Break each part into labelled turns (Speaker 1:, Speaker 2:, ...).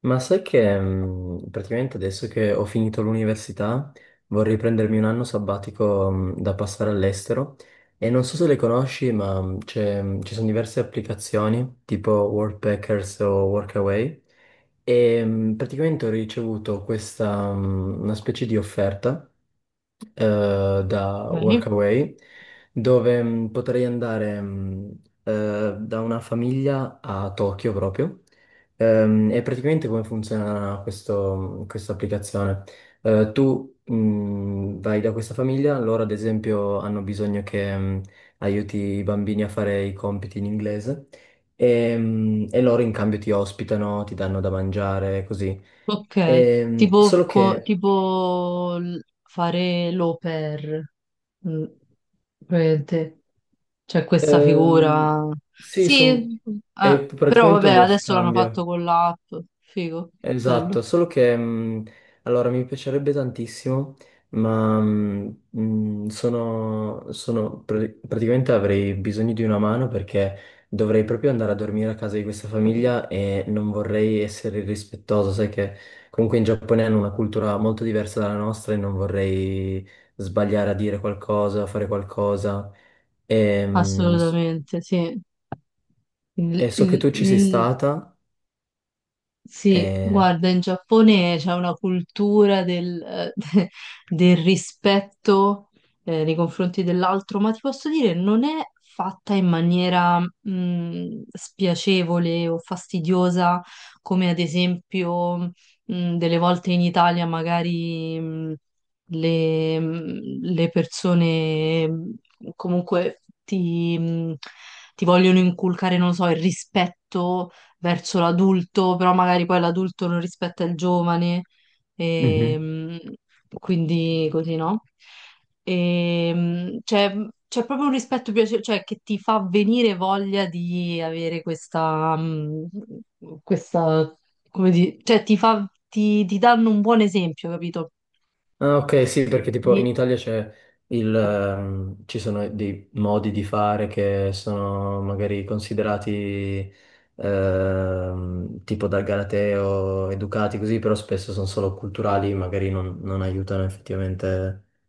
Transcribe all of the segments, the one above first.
Speaker 1: Ma sai che praticamente adesso che ho finito l'università vorrei prendermi un anno sabbatico da passare all'estero e non so se le conosci, ma ci sono diverse applicazioni tipo Workpackers o Workaway e praticamente ho ricevuto questa una specie di offerta da
Speaker 2: Ok,
Speaker 1: Workaway, dove potrei andare da una famiglia a Tokyo proprio. E praticamente come funziona questa applicazione? Tu vai da questa famiglia, loro ad esempio hanno bisogno che aiuti i bambini a fare i compiti in inglese. E loro in cambio ti ospitano, ti danno da mangiare, così.
Speaker 2: ok. Tipo,
Speaker 1: Solo che
Speaker 2: tipo fare l'au pair, mm, praticamente. C'è questa
Speaker 1: Ehm,
Speaker 2: figura.
Speaker 1: sì,
Speaker 2: Sì,
Speaker 1: è
Speaker 2: però
Speaker 1: praticamente
Speaker 2: vabbè,
Speaker 1: uno
Speaker 2: adesso l'hanno fatto
Speaker 1: scambio,
Speaker 2: con l'app. Figo, bello.
Speaker 1: esatto, solo che allora mi piacerebbe tantissimo, ma praticamente avrei bisogno di una mano perché dovrei proprio andare a dormire a casa di questa famiglia e non vorrei essere irrispettoso, sai che comunque in Giappone hanno una cultura molto diversa dalla nostra e non vorrei sbagliare a dire qualcosa, a fare qualcosa. Ehm,
Speaker 2: Assolutamente, sì.
Speaker 1: E
Speaker 2: Il,
Speaker 1: so che
Speaker 2: il-
Speaker 1: tu ci sei
Speaker 2: il-
Speaker 1: stata
Speaker 2: Sì,
Speaker 1: e...
Speaker 2: guarda, in Giappone c'è una cultura del, del rispetto, nei confronti dell'altro, ma ti posso dire, non è fatta in maniera, spiacevole o fastidiosa, come ad esempio, delle volte in Italia magari, le, mh, le persone comunque ti vogliono inculcare, non lo so, il rispetto verso l'adulto, però magari poi l'adulto non rispetta il giovane,
Speaker 1: Mhm.
Speaker 2: ehm, quindi così, no? Ehm, c'è c'è proprio un rispetto cioè, che ti fa venire voglia di avere questa, questa, come dire, cioè ti fa, ti danno un buon esempio, capito?
Speaker 1: Ah, ok, sì, perché tipo in
Speaker 2: Di-
Speaker 1: Italia c'è ci sono dei modi di fare che sono magari considerati tipo dal Galateo, educati così, però spesso sono solo culturali, magari non aiutano effettivamente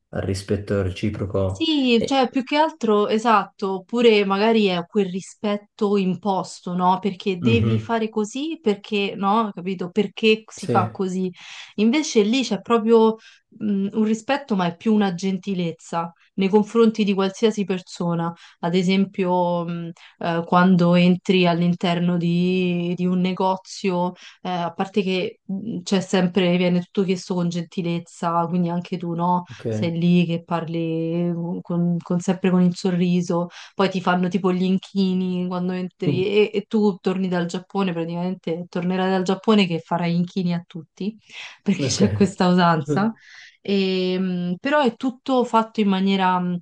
Speaker 1: al rispetto reciproco.
Speaker 2: Sì,
Speaker 1: E...
Speaker 2: cioè più che altro, esatto, oppure magari è quel rispetto imposto, no? Perché devi
Speaker 1: Mhm.
Speaker 2: fare così, perché no, capito? Perché si
Speaker 1: Sì,
Speaker 2: fa così. Invece lì c'è proprio un rispetto, ma è più una gentilezza nei confronti di qualsiasi persona. Ad esempio, quando entri all'interno di un negozio, a parte che c'è sempre, viene tutto chiesto con gentilezza, quindi anche tu, no?
Speaker 1: ok.
Speaker 2: Sei lì che parli mm, con, sempre con il sorriso, poi ti fanno tipo gli inchini quando entri
Speaker 1: Mm.
Speaker 2: e tu torni dal Giappone, praticamente tornerai dal Giappone che farai inchini a tutti, perché
Speaker 1: Ok.
Speaker 2: c'è questa usanza. E, però è tutto fatto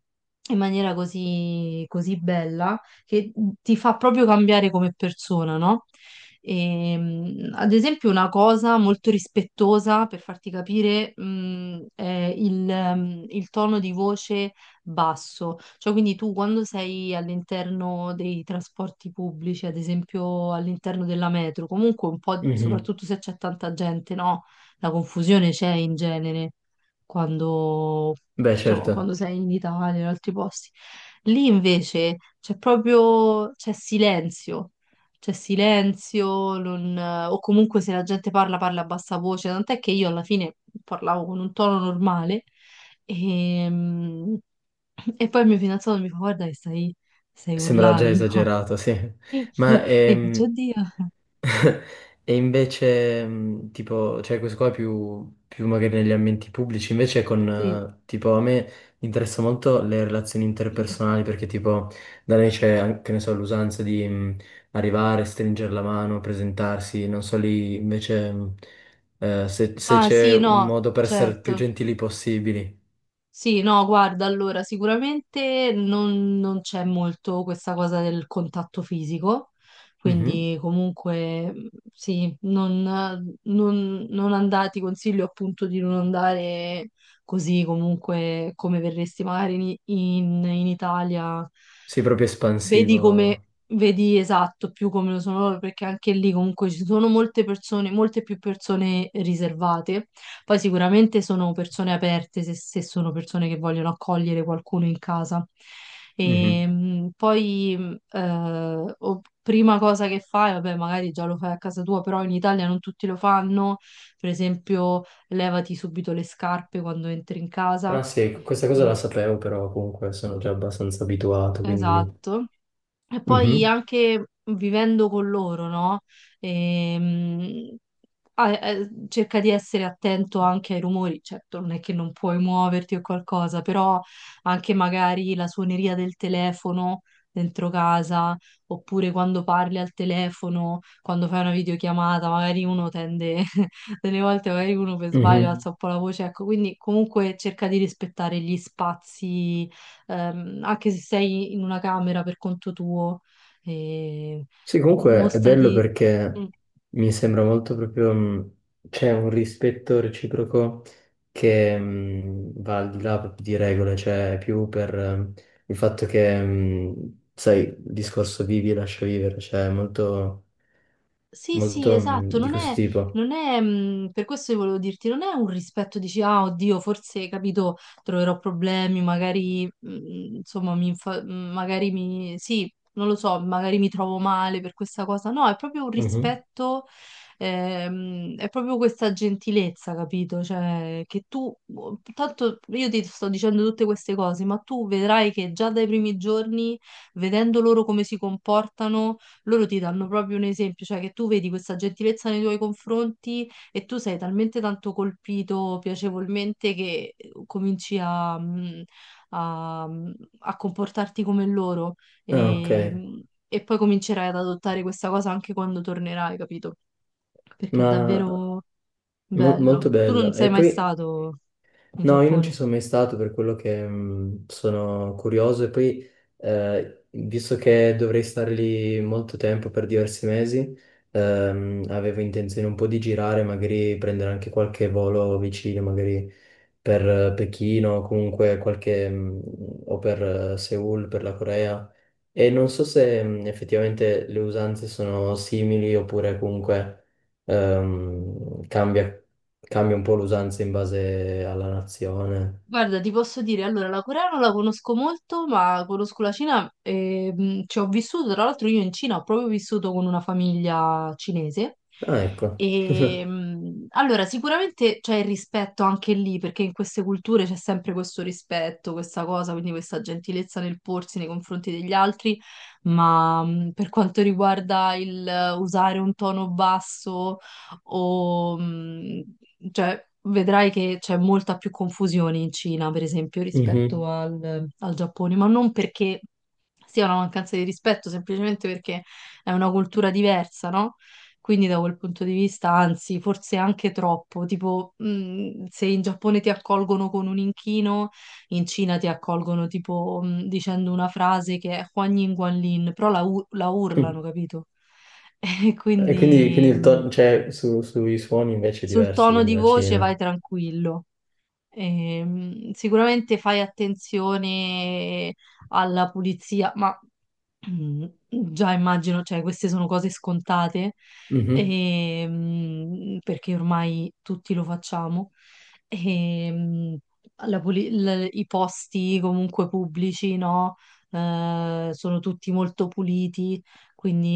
Speaker 2: in maniera così, così bella che ti fa proprio cambiare come persona, no? Ad esempio, una cosa molto rispettosa per farti capire, è il tono di voce basso. Cioè, quindi tu quando sei all'interno dei trasporti pubblici, ad esempio all'interno della metro, comunque un po',
Speaker 1: Mhm.
Speaker 2: soprattutto se c'è tanta gente, no? La confusione c'è in genere quando,
Speaker 1: Beh,
Speaker 2: insomma, quando
Speaker 1: certo.
Speaker 2: sei in Italia, in altri posti. Lì invece c'è proprio, c'è silenzio, non- o comunque se la gente parla, parla a bassa voce, tant'è che io alla fine parlavo con un tono normale e, e poi il mio fidanzato mi fa guarda che stai
Speaker 1: Sembra già
Speaker 2: urlando.
Speaker 1: esagerato, sì. Ma
Speaker 2: E io faccio, oddio,
Speaker 1: e invece, tipo, cioè questo qua è più magari negli ambienti pubblici, invece con,
Speaker 2: sì.
Speaker 1: tipo, a me interessa molto le relazioni interpersonali perché, tipo, da noi c'è, anche, che ne so, l'usanza di arrivare, stringere la mano, presentarsi, non so lì, invece, se
Speaker 2: Ah
Speaker 1: c'è
Speaker 2: sì,
Speaker 1: un
Speaker 2: no,
Speaker 1: modo per essere più
Speaker 2: certo.
Speaker 1: gentili possibili.
Speaker 2: Sì, no, guarda, allora sicuramente non, non c'è molto questa cosa del contatto fisico,
Speaker 1: Mhm.
Speaker 2: quindi comunque sì, non andare, ti consiglio appunto di non andare così comunque come verresti magari in, in Italia,
Speaker 1: Sì, proprio
Speaker 2: vedi come,
Speaker 1: espansivo.
Speaker 2: vedi esatto più come lo sono loro, perché anche lì comunque ci sono molte persone, molte più persone riservate poi sicuramente sono persone aperte se, se sono persone che vogliono accogliere qualcuno in casa. E,
Speaker 1: Mhm.
Speaker 2: poi, prima cosa che fai, vabbè, magari già lo fai a casa tua, però in Italia non tutti lo fanno. Per esempio, levati subito le scarpe quando entri in
Speaker 1: Ah
Speaker 2: casa.
Speaker 1: sì, questa cosa la
Speaker 2: Eh,
Speaker 1: sapevo, però comunque sono già abbastanza abituato, quindi...
Speaker 2: esatto. E poi
Speaker 1: Mhm,
Speaker 2: anche vivendo con loro, no? Ehm, cerca di essere attento anche ai rumori, certo non è che non puoi muoverti o qualcosa, però anche magari la suoneria del telefono dentro casa, oppure quando parli al telefono, quando fai una videochiamata, magari uno tende, delle volte magari uno per sbaglio
Speaker 1: mhm.
Speaker 2: alza un po' la voce, ecco, quindi comunque cerca di rispettare gli spazi anche se sei in una camera per conto tuo, eh,
Speaker 1: Sì, comunque è bello
Speaker 2: mostrati.
Speaker 1: perché mi sembra molto proprio... c'è un rispetto reciproco che va al di là proprio di regole, cioè è più per il fatto che, sai, il discorso vivi e lascia vivere, cioè è
Speaker 2: Sì, sì,
Speaker 1: molto
Speaker 2: esatto,
Speaker 1: di questo tipo.
Speaker 2: non è, per questo io volevo dirti, non è un rispetto, dici, ah, oddio, forse, capito, troverò problemi, magari, insomma, magari mi, sì, non lo so, magari mi trovo male per questa cosa, no, è proprio un
Speaker 1: Mhm.
Speaker 2: rispetto, è proprio questa gentilezza, capito? Cioè, che tu, boh, tanto io ti sto dicendo tutte queste cose, ma tu vedrai che già dai primi giorni, vedendo loro come si comportano, loro ti danno proprio un esempio, cioè che tu vedi questa gentilezza nei tuoi confronti e tu sei talmente tanto colpito piacevolmente che cominci a, a- mm, a comportarti come loro
Speaker 1: Ah, ok,
Speaker 2: e poi comincerai ad adottare questa cosa anche quando tornerai, capito? Perché è
Speaker 1: ma
Speaker 2: davvero
Speaker 1: molto
Speaker 2: bello. Tu non
Speaker 1: bello. E
Speaker 2: sei mai
Speaker 1: poi...
Speaker 2: stato in
Speaker 1: No, io non ci
Speaker 2: Giappone.
Speaker 1: sono mai stato per quello che sono curioso e poi, visto che dovrei stare lì molto tempo per diversi mesi, avevo intenzione un po' di girare, magari prendere anche qualche volo vicino, magari per Pechino o comunque qualche, o per Seoul, per la Corea, e non so se effettivamente le usanze sono simili oppure comunque ehm, cambia, cambia un po' l'usanza in base alla nazione.
Speaker 2: Guarda, ti posso dire, allora la Corea non la conosco molto, ma conosco la Cina e ci ho vissuto, tra l'altro io in Cina ho proprio vissuto con una famiglia cinese.
Speaker 1: Ah, ecco.
Speaker 2: E allora sicuramente c'è il rispetto anche lì, perché in queste culture c'è sempre questo rispetto, questa cosa, quindi questa gentilezza nel porsi nei confronti degli altri, ma per quanto riguarda il usare un tono basso o cioè, vedrai che c'è molta più confusione in Cina, per esempio, rispetto
Speaker 1: Mhm.
Speaker 2: al, al Giappone, ma non perché sia una mancanza di rispetto, semplicemente perché è una cultura diversa, no? Quindi da quel punto di vista, anzi, forse anche troppo, tipo, se in Giappone ti accolgono con un inchino, in Cina ti accolgono tipo dicendo una frase che è Huan Yin Guan Lin, però la, la urlano, capito? E
Speaker 1: E quindi, quindi
Speaker 2: quindi
Speaker 1: cioè, sui suoni invece è
Speaker 2: sul
Speaker 1: diverso,
Speaker 2: tono
Speaker 1: quindi
Speaker 2: di
Speaker 1: la
Speaker 2: voce vai
Speaker 1: Cina.
Speaker 2: tranquillo. Sicuramente fai attenzione alla pulizia, ma mm, già immagino, cioè, queste sono cose scontate, perché ormai tutti lo facciamo. Ehm, i posti comunque pubblici, no? Sono tutti molto puliti,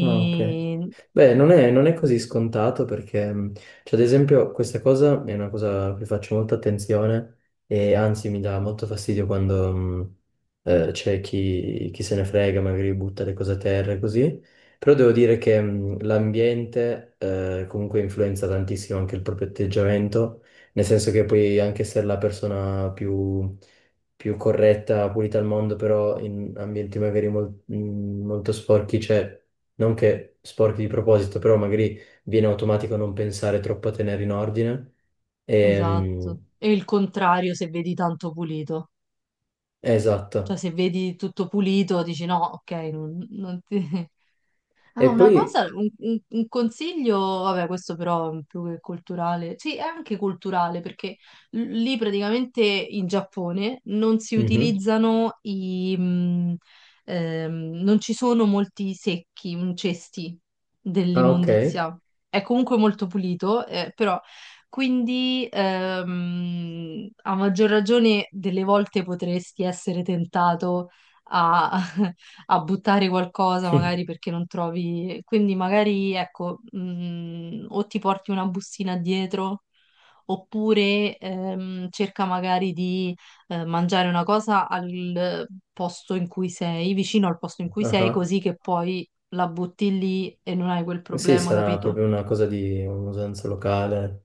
Speaker 1: Ah, ok. Beh, non è così scontato perché, cioè, ad esempio, questa cosa è una cosa a cui faccio molta attenzione e anzi mi dà molto fastidio quando c'è chi se ne frega, magari butta le cose a terra e così. Però devo dire che l'ambiente comunque influenza tantissimo anche il proprio atteggiamento, nel senso che puoi anche essere la più corretta, pulita al mondo, però in ambienti magari molto sporchi c'è non che sporchi di proposito, però magari viene automatico non pensare troppo a tenere in ordine.
Speaker 2: esatto.
Speaker 1: Ehm,
Speaker 2: E il contrario se vedi tanto pulito. Cioè,
Speaker 1: esatto.
Speaker 2: se vedi tutto pulito, dici no, ok, non, non ti...
Speaker 1: E
Speaker 2: Ah, una
Speaker 1: poi...
Speaker 2: cosa, un consiglio, vabbè, questo però è più che culturale, sì, è anche culturale perché lì praticamente in Giappone non si
Speaker 1: mhm.
Speaker 2: utilizzano i, non ci sono molti secchi, mm, cesti
Speaker 1: Ah, ok.
Speaker 2: dell'immondizia. È comunque molto pulito, però quindi a maggior ragione delle volte potresti essere tentato a a buttare qualcosa magari perché non trovi, quindi magari ecco, o ti porti una bustina dietro oppure cerca magari di mangiare una cosa al posto in cui sei, vicino al posto in cui sei,
Speaker 1: Ah,
Speaker 2: così che poi la butti lì e non hai quel
Speaker 1: ah. Sì,
Speaker 2: problema,
Speaker 1: sarà
Speaker 2: capito?
Speaker 1: proprio una cosa di un'usanza locale.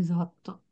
Speaker 2: Esatto.